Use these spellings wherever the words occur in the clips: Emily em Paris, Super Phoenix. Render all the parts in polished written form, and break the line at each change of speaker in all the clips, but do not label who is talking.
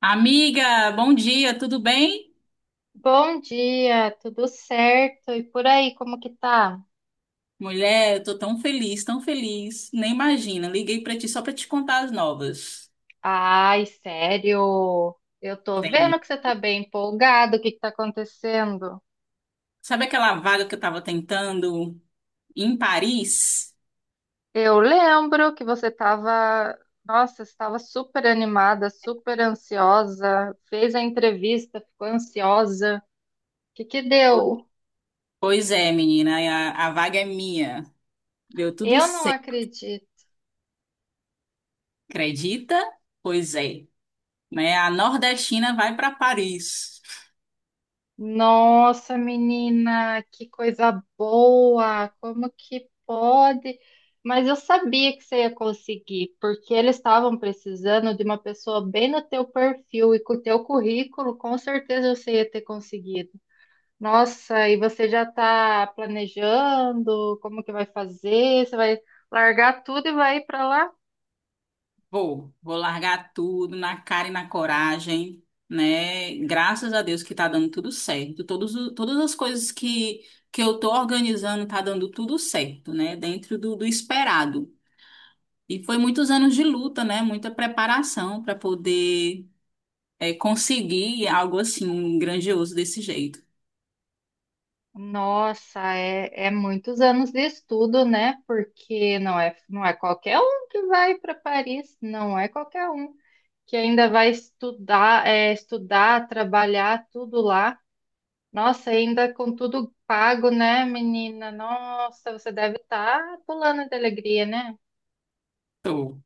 Amiga, bom dia, tudo bem?
Bom dia, tudo certo? E por aí, como que tá?
Mulher, eu tô tão feliz, nem imagina. Liguei pra ti só pra te contar as novas.
Ai, sério? Eu tô vendo
Sim.
que você tá bem empolgado. O que que tá acontecendo?
Sabe aquela vaga que eu tava tentando em Paris?
Eu lembro que você tava, nossa, estava super animada, super ansiosa, fez a entrevista, ficou ansiosa. O que que deu?
Pois é, menina, a vaga é minha. Deu tudo
Eu não
certo,
acredito.
acredita? Pois é, né? A nordestina vai pra Paris.
Nossa, menina, que coisa boa! Como que pode? Mas eu sabia que você ia conseguir, porque eles estavam precisando de uma pessoa bem no teu perfil e com o teu currículo, com certeza você ia ter conseguido. Nossa, e você já está planejando como que vai fazer? Você vai largar tudo e vai ir para lá?
Vou, vou largar tudo na cara e na coragem, né? Graças a Deus que tá dando tudo certo. Todas as coisas que eu tô organizando tá dando tudo certo, né? Dentro do esperado. E foi muitos anos de luta, né? Muita preparação para poder conseguir algo assim, um grandioso desse jeito.
Nossa, é muitos anos de estudo, né? Porque não é qualquer um que vai para Paris, não é qualquer um que ainda vai estudar, é, estudar, trabalhar tudo lá. Nossa, ainda com tudo pago, né, menina? Nossa, você deve estar pulando de alegria, né?
Tô.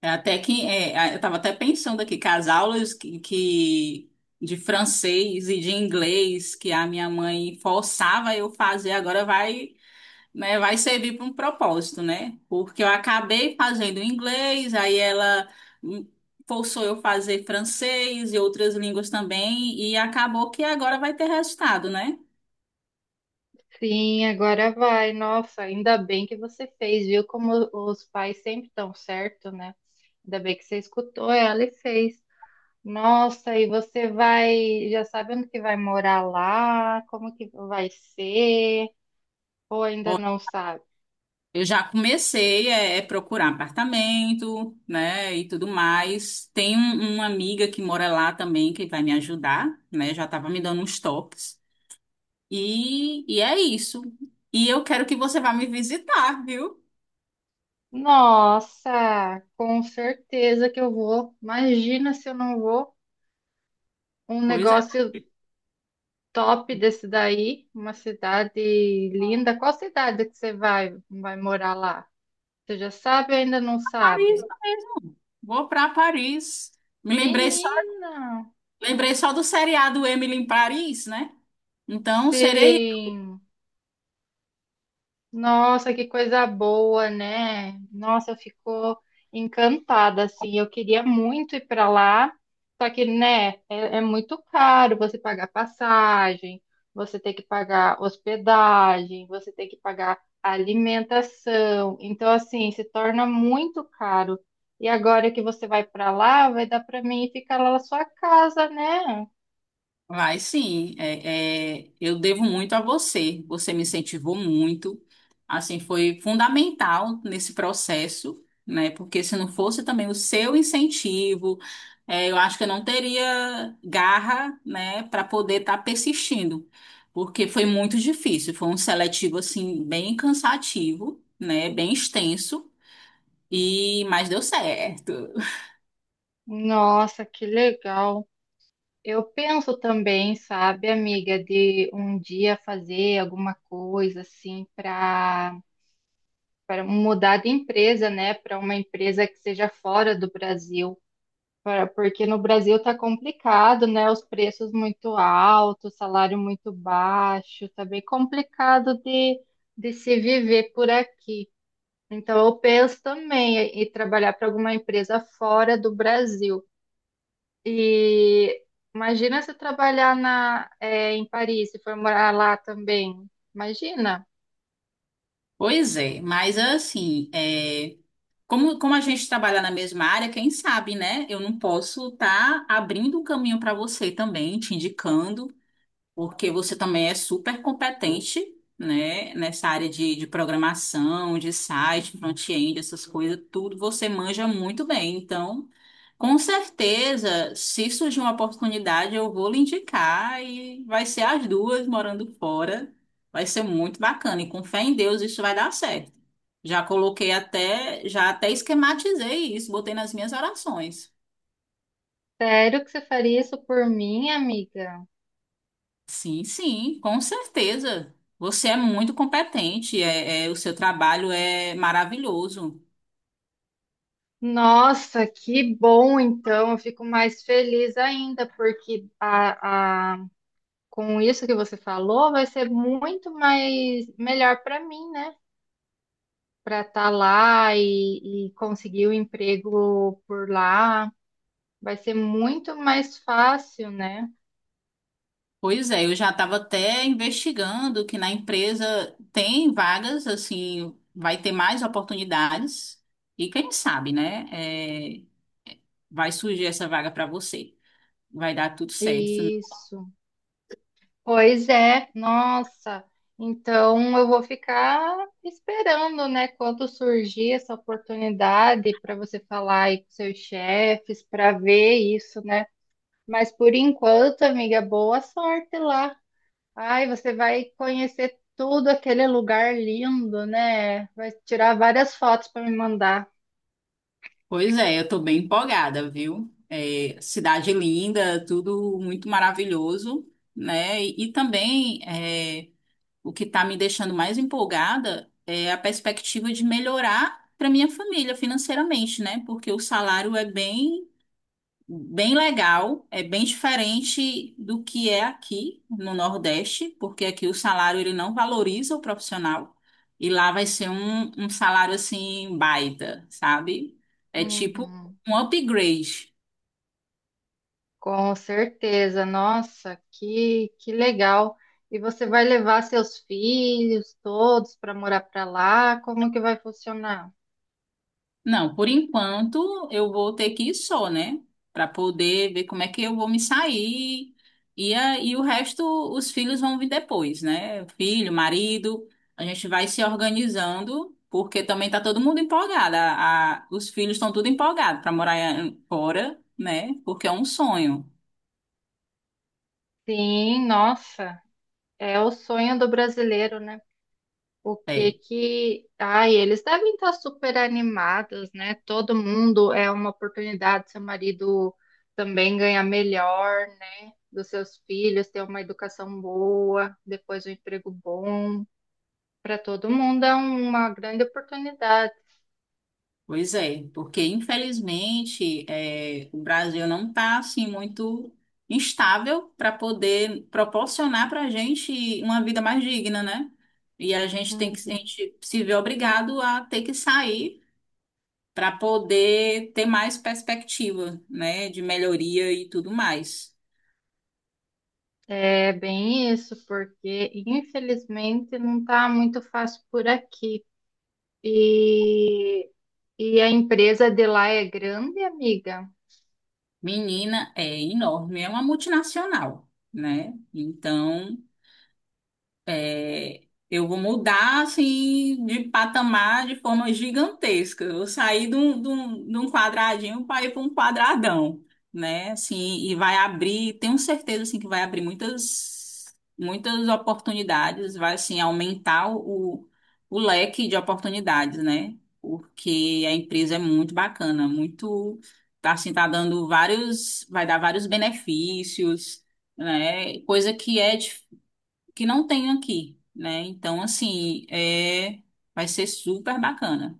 É até que é, a- Eu estava até pensando aqui que as aulas de francês e de inglês que a minha mãe forçava eu fazer agora vai, né, vai servir para um propósito, né? Porque eu acabei fazendo inglês, aí ela hum, forçou eu fazer francês e outras línguas também e acabou que agora vai ter resultado, né?
Sim, agora vai. Nossa, ainda bem que você fez, viu? Como os pais sempre estão certo, né? Ainda bem que você escutou ela e fez. Nossa, e você vai, já sabe onde que vai morar lá? Como que vai ser? Ou ainda não sabe?
Eu já comecei procurar apartamento, né, e tudo mais. Uma amiga que mora lá também que vai me ajudar, né? Já estava me dando uns toques. E é isso. E eu quero que você vá me visitar, viu?
Nossa, com certeza que eu vou. Imagina se eu não vou. Um
Pois é,
negócio top desse daí, uma cidade linda. Qual cidade que você vai morar lá? Você já sabe ou ainda não
Paris
sabe?
mesmo. Vou para Paris. Me
Menina,
lembrei só do seriado Emily em Paris, né? Então serei.
sim. Nossa, que coisa boa, né? Nossa, eu fico encantada, assim. Eu queria muito ir para lá, só que, né, é muito caro você pagar passagem, você tem que pagar hospedagem, você tem que pagar alimentação. Então, assim, se torna muito caro. E agora que você vai para lá, vai dar para mim ficar lá na sua casa, né?
Vai sim, eu devo muito a você. Você me incentivou muito, assim foi fundamental nesse processo, né? Porque se não fosse também o seu incentivo, eu acho que eu não teria garra, né, para poder estar persistindo, porque foi muito difícil. Foi um seletivo assim bem cansativo, né? Bem extenso e mas deu certo.
Nossa, que legal. Eu penso também, sabe, amiga, de um dia fazer alguma coisa assim para mudar de empresa, né, para uma empresa que seja fora do Brasil, pra- porque no Brasil tá complicado, né, os preços muito altos, salário muito baixo, tá bem complicado de se viver por aqui. Então eu penso também em trabalhar para alguma empresa fora do Brasil. E imagina se trabalhar na, é, em Paris, se for morar lá também. Imagina.
Pois é, mas assim, é. Como a gente trabalha na mesma área, quem sabe, né? Eu não posso estar abrindo um caminho para você também, te indicando, porque você também é super competente, né? Nessa área de programação, de site, front-end, essas coisas, tudo você manja muito bem. Então, com certeza, se surgir uma oportunidade, eu vou lhe indicar e vai ser as duas morando fora. Vai ser muito bacana. E com fé em Deus, isso vai dar certo. Já coloquei até, já até esquematizei isso, botei nas minhas orações.
Sério que você faria isso por mim, amiga?
Sim, sim, com certeza. Você é muito competente, o seu trabalho é maravilhoso.
Nossa, que bom então. Eu fico mais feliz ainda, porque com isso que você falou, vai ser muito mais melhor para mim, né? Para estar lá e conseguir o emprego por lá. Vai ser muito mais fácil, né?
Pois é, eu já estava até investigando que na empresa tem vagas, assim, vai ter mais oportunidades. E quem sabe, né? Vai surgir essa vaga para você. Vai dar tudo certo.
Isso. Pois é, nossa. Então eu vou ficar esperando, né, quando surgir essa oportunidade para você falar aí com seus chefes, para ver isso, né? Mas por enquanto, amiga, boa sorte lá. Ai, você vai conhecer tudo aquele lugar lindo, né? Vai tirar várias fotos para me mandar.
Pois é, eu tô bem empolgada, viu? É, cidade linda, tudo muito maravilhoso, né? Também é, o que tá me deixando mais empolgada é a perspectiva de melhorar para minha família financeiramente, né? Porque o salário é bem bem legal, é bem diferente do que é aqui no Nordeste, porque aqui o salário ele não valoriza o profissional e lá vai ser um salário assim baita, sabe? É tipo
Uhum.
um upgrade.
Com certeza, nossa, que legal. E você vai levar seus filhos todos para morar para lá? Como que vai funcionar?
Não, por enquanto eu vou ter que ir só, né? Para poder ver como é que eu vou me sair. E o resto, os filhos vão vir depois, né? Filho, marido, a gente vai se organizando, porque também tá todo mundo empolgado. Os filhos estão tudo empolgados para morar fora, né? Porque é um sonho.
Sim, nossa, é o sonho do brasileiro, né? O que
É.
que. Ai, eles devem estar super animados, né? Todo mundo é uma oportunidade, seu marido também ganhar melhor, né? Dos seus filhos, ter uma educação boa, depois um emprego bom. Para todo mundo é uma grande oportunidade.
Pois é, porque infelizmente o Brasil não está assim muito instável para poder proporcionar para a gente uma vida mais digna, né? E a gente tem que, a
Uhum.
gente se vê obrigado a ter que sair para poder ter mais perspectiva, né, de melhoria e tudo mais.
É bem isso, porque infelizmente não está muito fácil por aqui. E, e a empresa de lá é grande, amiga.
Menina é enorme, é uma multinacional, né? Então é, eu vou mudar assim de patamar de forma gigantesca. Eu saí de um quadradinho para ir para um quadradão, né? Assim, e vai abrir, tenho certeza assim que vai abrir muitas oportunidades, vai assim aumentar o leque de oportunidades, né? Porque a empresa é muito bacana, muito tá assim tá dando vários, vai dar vários benefícios, né? Coisa que é que não tem aqui, né? Então, assim, é, vai ser super bacana.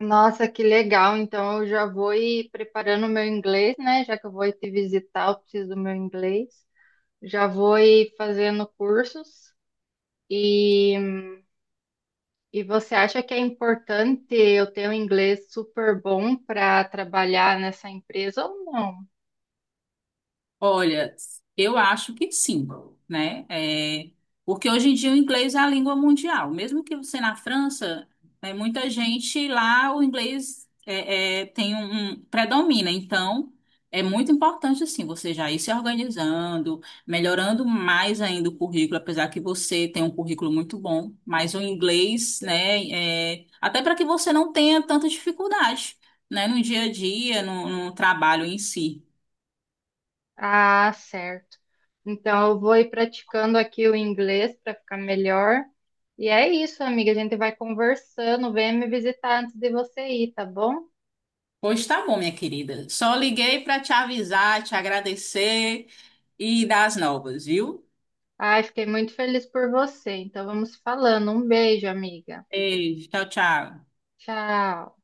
Nossa, que legal! Então eu já vou ir preparando o meu inglês, né? Já que eu vou ir te visitar, eu preciso do meu inglês. Já vou ir fazendo cursos. E, e você acha que é importante eu ter um inglês super bom para trabalhar nessa empresa ou não?
Olha, eu acho que sim, né? É, porque hoje em dia o inglês é a língua mundial. Mesmo que você na França, é, muita gente lá o inglês tem um predomina. Então, é muito importante assim você já ir se organizando, melhorando mais ainda o currículo, apesar que você tem um currículo muito bom, mas o inglês, né? é, até para que você não tenha tanta dificuldade, né? No dia a dia, no trabalho em si.
Ah, certo. Então eu vou ir praticando aqui o inglês para ficar melhor. E é isso, amiga. A gente vai conversando. Vem me visitar antes de você ir, tá bom?
Pois tá bom, minha querida. Só liguei para te avisar, te agradecer e dar as novas, viu?
Ai, fiquei muito feliz por você. Então vamos falando. Um beijo, amiga.
Beijo, tchau, tchau.
Tchau.